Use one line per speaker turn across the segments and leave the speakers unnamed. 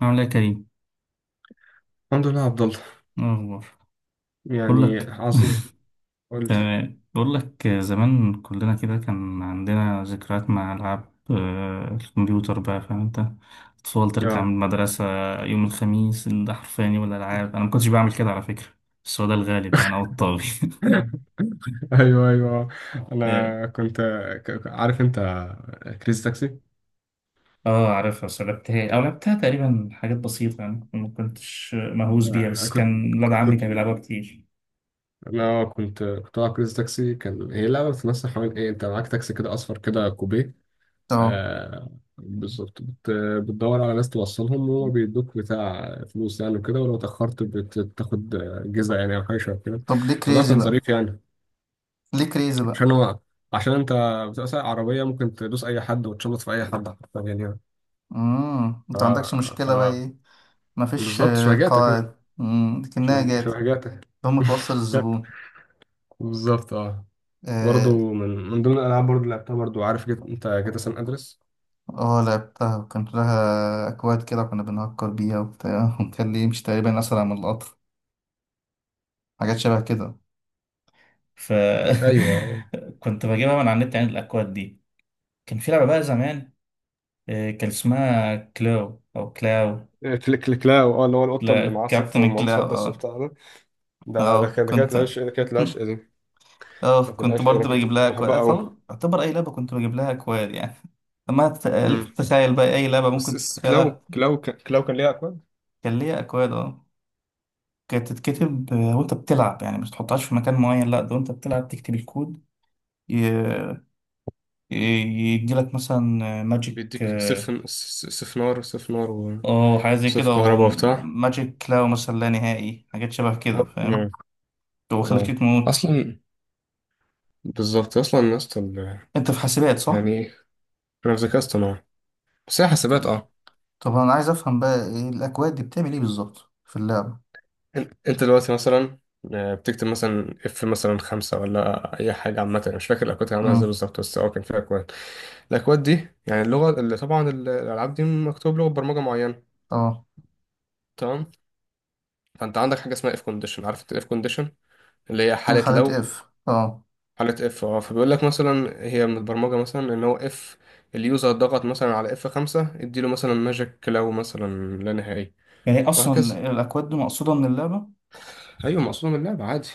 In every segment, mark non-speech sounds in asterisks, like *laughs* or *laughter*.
عامل ايه يا كريم؟
الحمد لله يا عبد الله.
إيه الأخبار؟ بقول
يعني
لك
عظيم.
*laughs*
قول لي.
تمام، بقول لك زمان كلنا كده كان عندنا ذكريات مع ألعاب الكمبيوتر، بقى فاهم انت. أطفال ترجع من
اه.
المدرسة يوم الخميس ده حرفيا يوم الألعاب. أنا ما كنتش بعمل كده على فكرة، بس هو ده الغالب يعني أو الطاغي. *laughs*
*laughs* ايوه ايوه.
اه.
انا كنت. عارف انت كريزي تاكسي.
آه، عارفها، بس لعبتها تقريبا حاجات بسيطة يعني. ما كنتش مهووس بيها،
انا
بس
كنت
كان ولاد عمي
كنت.
كان بيلعبها كتير.
انا كنت كنت بلعب كريزي تاكسي. كان هي لعبه بتمثل حوالين ايه، انت معاك تاكسي كده اصفر كده كوبيه.
اه.
آه، بالظبط. بتدور على ناس توصلهم وهما بيدوك بتاع فلوس يعني، وكده ولو اتاخرت بتاخد جزء يعني او حاجه شبه كده.
طب ليه
الموضوع
كريزي
كان
بقى؟
ظريف يعني.
ليه كريزي بقى
عشان هو، عشان انت بتبقى سايق عربيه، ممكن تدوس اي حد وتشمط في اي حد حرفيا يعني.
امم،
ف
انت عندكش
ف
مشكلة بقى ايه؟ مفيش
بالظبط شبهجاتك انت،
قواعد. لكنها
شبه
جات.
شبهجاتك
هم توصل
*laughs*
الزبون.
بالظبط اه. برضه
اه.
من ضمن الالعاب برضه اللي لعبتها برضه، عارف انت جيت سان ادرس.
آه، لعبتها وكان لها اكواد كده، كنا بنهكر بيها وبتاع. *laughs* وكان ليه مش تقريبا اسرع من القطر، حاجات شبه كده. ف
ايوه
*laughs* كنت بجيبها من على النت يعني، الاكواد دي. كان في لعبه بقى زمان، آه، كان اسمها كلاو او كلاو.
كليك كليك. لا اه، اللي هو القطه
لا،
اللي معصف
كابتن
ومعاه
كلاو.
مسدس
اه.
وبتاع ده. ده
اه،
كانت، ده كانت
كنت *laughs*
العشق، ده كانت العشق دي.
اه،
كانت
كنت
العشق دي. انا
برضه
كنت
بجيب
كنت
لها اكواد.
بحبها قوي.
أعتبر اي لعبه كنت بجيب لها اكواد يعني. لما تخيلك
امم.
تتخيل بقى اي لعبه
بس
ممكن
بس كلاو،
تتخيلها.
كلاو كلاو كان ليها اكواد.
كان ليها اكواد، اه. كانت تتكتب وانت بتلعب يعني، مش تحطهاش في مكان معين، لا ده وانت بتلعب تكتب الكود. ي- ي- يديلك مثلا ماجيك.
بيديك
اه.
سيف، سيف نار، سيف نار،
أو حاجه زي
صيف
كده، او
كهرباء وبتاع.
ماجيك كلاو مثلا لا نهائي، حاجات شبه كده
آه. مم.
فاهم. وخليك
اه
تموت.
اصلا، بالظبط اصلا يا اسطى.
انت في حاسبات صح؟
يعني ايه؟ انا في ذكاء اصطناعي بس هي حاسبات
طب
اه.
طب انا عايز افهم بقى ايه الاكواد دي بتعمل ايه بالظبط في اللعبه.
انت دلوقتي مثلا، بتكتب مثلا اف مثلا خمسة، ولا اي حاجه عامه. أنا مش فاكر الاكواد كانت عامله ازاي
امم.
بالظبط، بس هو كان فيها اكواد. الاكواد دي يعني اللغه اللي طبعا الالعاب دي مكتوب لغه برمجه معينه.
اه.
تمام. فانت عندك حاجه اسمها اف كونديشن، عارف الاف كونديشن اللي هي حاله
مرحلة
لو،
اف، اه.
حالة اف اه. فبيقول لك مثلا، هي من البرمجة مثلا، ان هو اف اليوزر ضغط مثلا على اف خمسة، اديله مثلا ماجيك كلاو مثلا لا نهائي،
يعني إيه اصلا
وهكذا.
الاكواد دي مقصوده من اللعبه؟
ايوه مقصود من اللعبة عادي.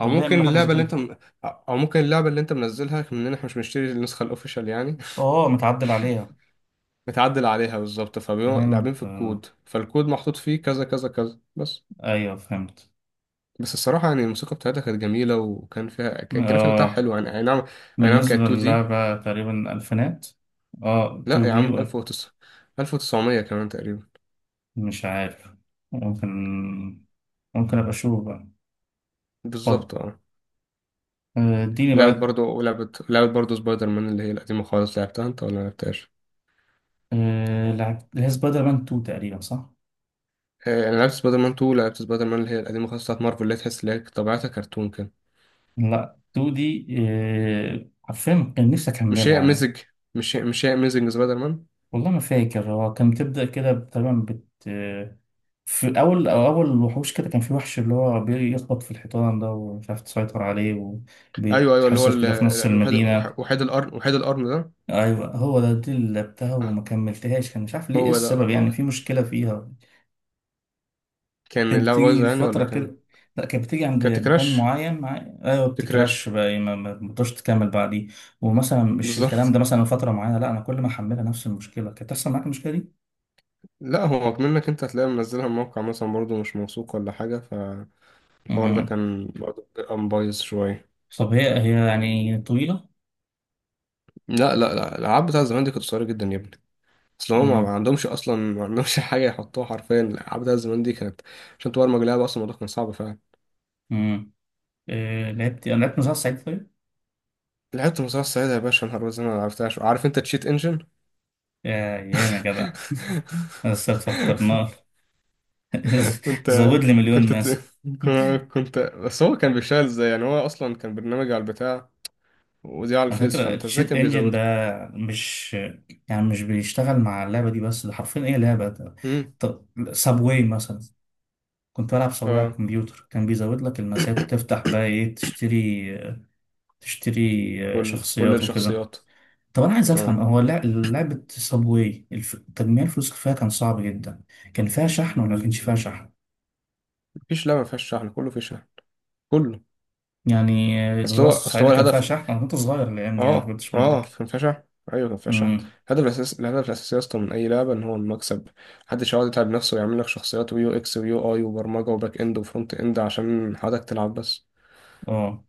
او
ليه
ممكن
يعملوا حاجه زي
اللعبة اللي
كده؟
انت او ممكن اللعبة اللي انت منزلها، مننا احنا مش بنشتري النسخة الاوفيشال يعني.
اه، متعدل عليها.
*laughs* متعدل عليها بالظبط، فبيبقوا لاعبين
فهمت،
في
آه.
الكود، فالكود محطوط فيه كذا كذا كذا بس.
ايوه، فهمت.
بس الصراحة يعني الموسيقى بتاعتها كانت جميلة، وكان فيها كان الجرافيك بتاعها
آه،
حلو يعني، اي نعم. اي نعم،
بالنسبه
كانت 2 دي.
للعبه تقريبا الفينات. اه،
لا
2
يا
دي
عم، 1009، 1900 كمان تقريبا.
مش عارف. ممكن ممكن ابقى اشوف بقى. طب،
بالظبط اه.
آه، اديني
لعبت
بقى.
برضو، لعبت برضو سبايدر مان اللي هي القديمة خالص، لعبتها انت ولا لعبتهاش؟
آه، لعب اللي هي سبايدر مان 2 تقريبا صح؟
آه، انا لعبت سبايدر مان 2، لعبت سبايدر مان اللي هي القديمة خالص بتاعت مارفل، اللي هي تحس اللي هي طبيعتها كرتون كده.
لا، 2 دي، آه، حرفيا كان نفسي
مش هي
اكملها.
اميزنج، مش هي اميزنج سبايدر مان.
والله ما فاكر. هو كان بتبدأ كده تقريبا في أول، أول وحوش كده، كان في وحش اللي هو بيخبط في الحيطان ده ومش عارف تسيطر عليه،
ايوه ايوه، اللي هو
وبيتحصر كده في نص
الوحيد،
المدينة.
وحيد القرن، وحيد القرن ده.
أيوة، هو ده، دي اللي لعبتها
آه،
وما كملتهاش. كان مش عارف ليه إيه
هو ده
السبب، يعني
هو.
في مشكلة فيها.
كان
كانت
اللعبة
بتيجي
بايظة
في
يعني ولا
فترة
كان؟
كده. لا كانت بتيجي عند
كانت
مكان
كراش،
معين مع... أيوة، بتكراش
تكراش.
بقى، ما بتقدرش تكمل بعديه. ومثلا مش الكلام
بالظبط.
ده
*laughs*
مثلا فترة معينة، لا أنا كل ما أحملها نفس المشكلة كانت تحصل. معاك المشكلة
لا هو منك انت، هتلاقي منزلها من موقع مثلا برضو مش موثوق ولا حاجة، فالحوار ده
دي؟
كان برضو بيبقى بايظ شوية.
طب هي يعني طويلة؟
لا لا لا، الألعاب بتاع زمان دي كانت قصيرة جدا يا ابني. أصل هم ما
امم
عندهمش، أصلا ما عندهمش *laughs* حاجة يحطوها حرفيا. الألعاب بتاع زمان دي كانت، عشان تبرمج لعبة أصلا الموضوع كان صعب فعلا.
امم آه، لعبت. أنا لعبت مسلسل سعيد طيب.
لعبت المزرعة السعيدة يا باشا، نهار أبيض زي ما عرفتهاش. عارف أنت تشيت إنجن؟
يا يا جدع.
*laughs*
*laughs* بس فكرناه. *laughs*
كنت،
زود لي مليون
كنت
ناس.
ت- *laughs* كنت. بس هو كان بيشتغل إزاي يعني؟ هو أصلا كان برنامج على البتاع، ودي على
على
الفيس،
فكرة
فأنت إزاي
الشيت
كان
انجن ده،
بيزودهم؟
مش يعني مش بيشتغل مع اللعبة دي بس، ده حرفيا ايه لعبة ده.
امم.
طب سابواي مثلا، كنت بلعب سابواي على
اه.
الكمبيوتر، كان بيزود لك المسات وتفتح بقى ايه، تشتري. آه،
كل
شخصيات وكده.
الشخصيات.
طب انا عايز افهم،
اه
هو لعبه صابواي، تجميع الفلوس اللي فيها كان صعب جدا. كان فيها شحن ولا ما كانش فيها شحن؟
مفيش لعبة ما فيهاش شحن، كله فيه شحن، كله.
يعني آه،
أصل
الزراعه
هو، أصل
السعيده
هو
كان فيها
الهدف.
شحن؟ انا كنت صغير الايام دي، انا ما
اه
كنتش
اه،
مدرك.
كان فيها شحن. ايوه كان فيها شحن.
امم.
الهدف الاساسي، الهدف الاساسي اصلا من اي لعبه ان هو المكسب. محدش يقعد يتعب نفسه ويعمل لك شخصيات، ويو اكس ويو اي، وبرمجه وباك اند وفرونت اند، عشان حضرتك تلعب بس.
اه.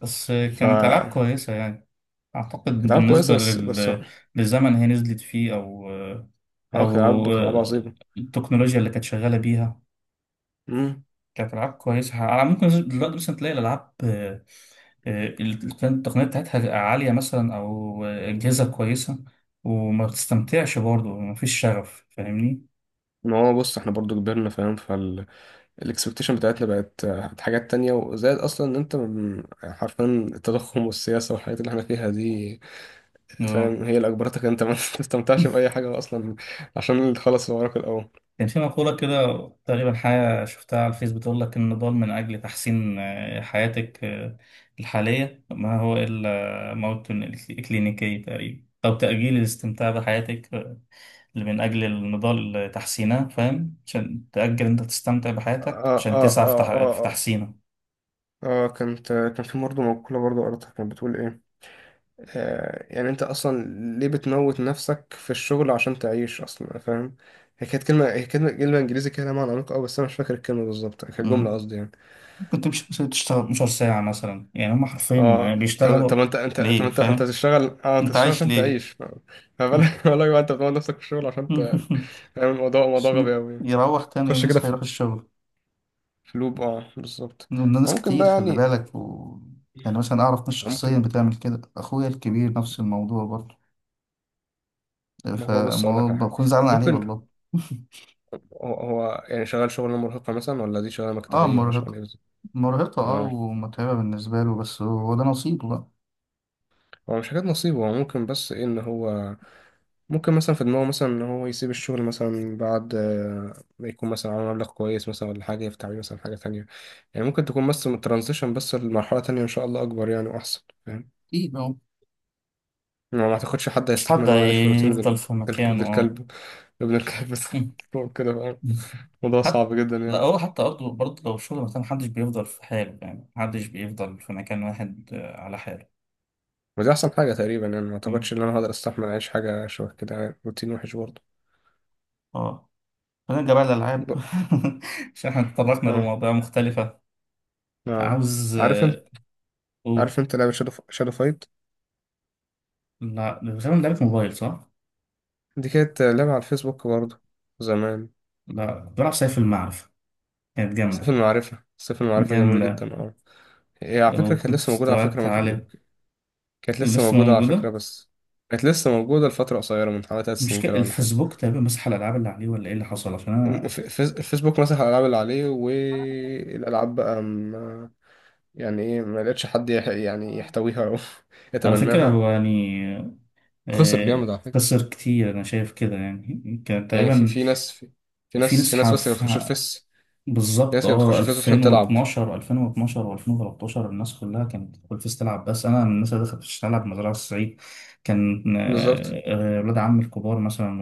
بس آه،
ف
كانت العاب
كانت
كويسه يعني. اعتقد
العاب
بالنسبه
كويسه، بس بس اه،
للزمن هي نزلت فيه، او آه، او
كانت العاب، كانت العاب
آه،
عظيمه.
التكنولوجيا اللي كانت شغاله بيها.
امم.
كانت ألعاب كويسة. على ممكن دلوقتي مثلا تلاقي الألعاب، التقنية بتاعتها عالية مثلا، أو آه، أجهزة كويسة، وما بتستمتعش برضه، مفيش شغف، فاهمني؟
ما هو بص، احنا برضو كبرنا فاهم، فالاكسبكتيشن بتاعتنا بقت حاجات تانية. وزائد اصلا ان انت يعني حرفيا التضخم والسياسه والحاجات اللي احنا فيها دي،
اه.
فاهم؟ هي اللي اجبرتك انت ما *laughs* تستمتعش
*laughs*
باي حاجه اصلا، عشان اللي خلص وراك الاول.
كان في مقولة كده، تقريبا حاجة شفتها على الفيس بتقول لك: النضال من أجل تحسين حياتك الحالية ما هو إلا موت كلينيكي تقريبا، أو تأجيل الاستمتاع بحياتك اللي من أجل النضال تحسينها، فاهم؟ عشان تأجل أنت تستمتع بحياتك
اه
عشان
اه
تسعى في،
اه
في
اه اه.
تحسينها.
اه كانت، كان في برضه مقولة برضه قريتها كانت بتقول ايه، آه يعني انت اصلا ليه بتموت نفسك في الشغل عشان تعيش اصلا، فاهم؟ هي كانت كلمة، هي كلمة، كلمة انجليزي كده لها معنى عميق قوي، بس انا مش فاكر الكلمة بالظبط. كانت جملة
مم.
قصدي يعني.
ممكن تمشي مثلا تشتغل 12 ساعة مثلا، يعني هم حرفيا
اه. طب طب
بيشتغلوا
انت، طب
ليه،
انت
فاهم؟
تشتغل، اه انت
أنت
تشتغل
عايش
عشان
ليه؟
تعيش. *laughs* ف-، فما بالك ما بالك بقى، انت بتموت نفسك في الشغل عشان ت-.
*laughs*
فاهم الموضوع موضوع غبي
عشان
قوي.
يروح تاني يوم
خش كده
يصحى
في،
يروح الشغل.
في لوب، اه بالظبط.
ناس
ممكن
كتير،
بقى
خلي
يعني،
بالك يعني مثلا أعرف ناس
ممكن،
شخصيا بتعمل كده، أخويا الكبير نفس الموضوع برضه،
ما هو بص، اقول
فما
لك على حاجه.
بكون زعلان عليه
ممكن
والله. *laughs*
هو يعني شغال شغلانه مرهقه مثلا، ولا دي شغلانه
اه
مكتبيه، ولا شغلانه
مرهقة.
ايه بالظبط.
اه،
اه.
ومتعبة بالنسبة له، بس هو ده نصيبه بقى.
هو مش حاجات نصيبه، هو ممكن بس ايه، ان هو ممكن مثلا في دماغه مثلا، ان هو يسيب الشغل مثلا بعد ما يكون مثلا عامل مبلغ كويس مثلا ولا حاجه، يفتح بيه مثلا حاجه تانية. يعني ممكن تكون بس ترانزيشن، بس لمرحله تانية ان شاء الله اكبر يعني واحسن، فاهم؟
أكيد أهو.
ما اعتقدش حد
مفيش
هيستحمل
حد
ان هو يعيش في روتين
هيفضل في مكانه، اه.
الكلب، ابن الكلب.
*laughs* مم.
*laughs* كده فاهم؟ موضوع
حتى
صعب جدا
لا،
يعني.
هو حتى برضه لو الشغل مثلا، محدش بيفضل في حاله يعني، محدش بيفضل في مكان واحد آه، على حاله.
ودي احسن حاجه تقريبا يعني، ما
مم.
اعتقدش ان انا هقدر استحمل اعيش حاجه شبه كده، يعني روتين وحش برضه.
اه. فنرجع بقى للألعاب
ب-.
*laughs* عشان احنا اتطرقنا
اه
لمواضيع مختلفة.
اه.
عاوز
عارف انت،
آه، أقول.
عارف انت لعبه شادو فايت؟
لا غالبا لعبة موبايل صح؟
دي كانت لعبه على الفيسبوك برضه زمان.
لا، كنت بلعب سيف المعرفة. كانت
سيف
جامدة.
المعرفه، سيف المعرفه جميل
جامدة
جدا اه. هي على فكره كانت
وكنت في
لسه موجوده على فكره
مستويات عالية.
كانت لسه
ولسه
موجوده على فكره
موجودة.
بس، كانت لسه موجوده لفتره قصيره من حوالي ثلاث
مش
سنين
كده
كده ولا حاجه.
الفيسبوك تقريبا مسح الالعاب اللي عليه، ولا ايه اللي حصل، عشان انا.
الف- الفيسبوك مسح الالعاب اللي عليه، والالعاب بقى يعني ايه، ما لقيتش حد يعني يحتويها او *laughs*
على فكره
يتبناها.
هو يعني
خسر
آه،
جامد على فكرة.
خسر كتير، انا شايف كده يعني، كان
يعني في
تقريبا
في ناس، في, في
في
ناس في
نسحه
ناس بس كانت بتخش
في،
الفيس، في
بالظبط
ناس كانت
اه
بتخش الفيس وتحلم تلعب.
2012 و2013 الناس كلها كانت في الفيس تلعب، بس انا من الناس اللي دخلت فيس تلعب مزرعه الصعيد. كان
بالظبط.
ولاد عمي الكبار مثلا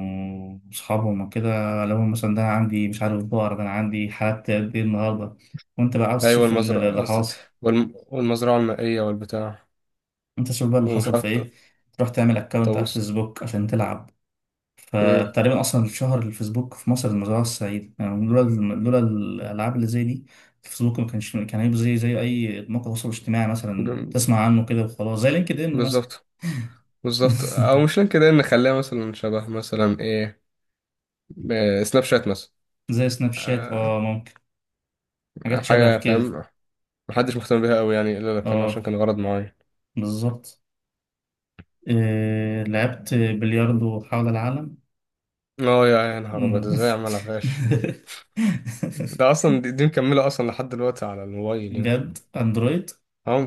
واصحابهم وكده، لهم مثلا. ده أنا عندي مش عارف بقر. ده انا عندي حالات قد ايه النهارده، وانت بقى عاوز
ايوه
تشوف اللي
المزرعة
اللي حاصل.
والمزرعة المائية والبتاع
انت شوف بقى اللي
ومش
حصل في
عارف،
ايه. تروح تعمل اكونت على
الطاووس.
الفيسبوك عشان تلعب.
مم.
فتقريبا اصلا الشهر الفيسبوك في مصر المزرعه السعيده يعني، لولا الالعاب اللي زي دي، الفيسبوك ما كانش، كان هيبقى زي اي موقع تواصل اجتماعي مثلا
ب-
تسمع عنه كده وخلاص، زي لينكد ان مثلا.
بالظبط، بالظبط. او
*laughs*
مش كده ان نخليها مثلا شبه مثلا ايه، آه، سناب شات مثلا،
زي سناب شات،
آه،
اه ممكن، حاجات شبه
حاجة،
كده.
فاهم؟ محدش مهتم بيها قوي يعني، الا لو كان عشان
اه،
كان غرض معين.
بالظبط. آه لعبت بلياردو حول العالم.
اه. يا يا نهار ابيض، ازاي
*laughs*
اعملها فاش؟ ده اصلا دي مكمله اصلا لحد دلوقتي على الموبايل يعني.
بجد اندرويد؟
اهو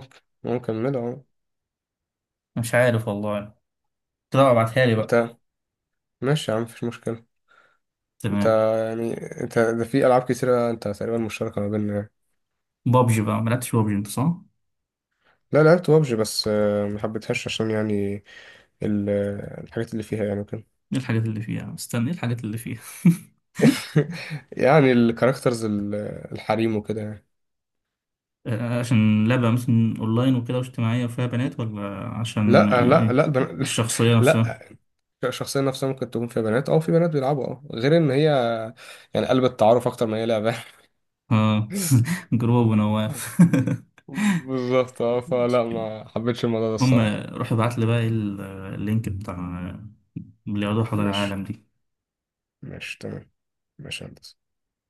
اهو مكمله اهو.
مش عارف والله. لا ابعتها لي بقى.
انت، ماشي يا عم مفيش مشكله. انت
تمام.
يعني، انت ده في العاب كتيره انت تقريبا مشتركه ما بيننا يعني.
بابجي بقى، ملعبتش بابجي انت صح؟
لا لعبت بابجي، بس ما حبيتهاش عشان يعني ال- الحاجات اللي فيها يعني وكده.
ايه الحاجات اللي فيها؟ استنى ايه الحاجات اللي فيها؟ *laughs*
*laughs* يعني الكاركترز، الحريم وكده يعني.
آه، عشان لعبة مثلا اونلاين وكده واجتماعية وفيها بنات، ولا عشان
لا لا
آه،
لا، البنات
الشخصية
*laughs*
نفسها؟
لا. الشخصيه نفسها ممكن تكون فيها بنات، او في بنات بيلعبوا اه. غير ان هي يعني قلب التعارف اكتر ما هي لعبه.
اه. *laughs* جروب
*laughs*
ونواف.
بالظبط اه.
*laughs*
فلا ما حبيتش الموضوع ده
المهم،
الصراحة.
روح ابعت لي بقى اللينك بتاع اللي يقعدوا حول
ماشي،
العالم دي.
ماشي تمام، ماشي يا هندسة.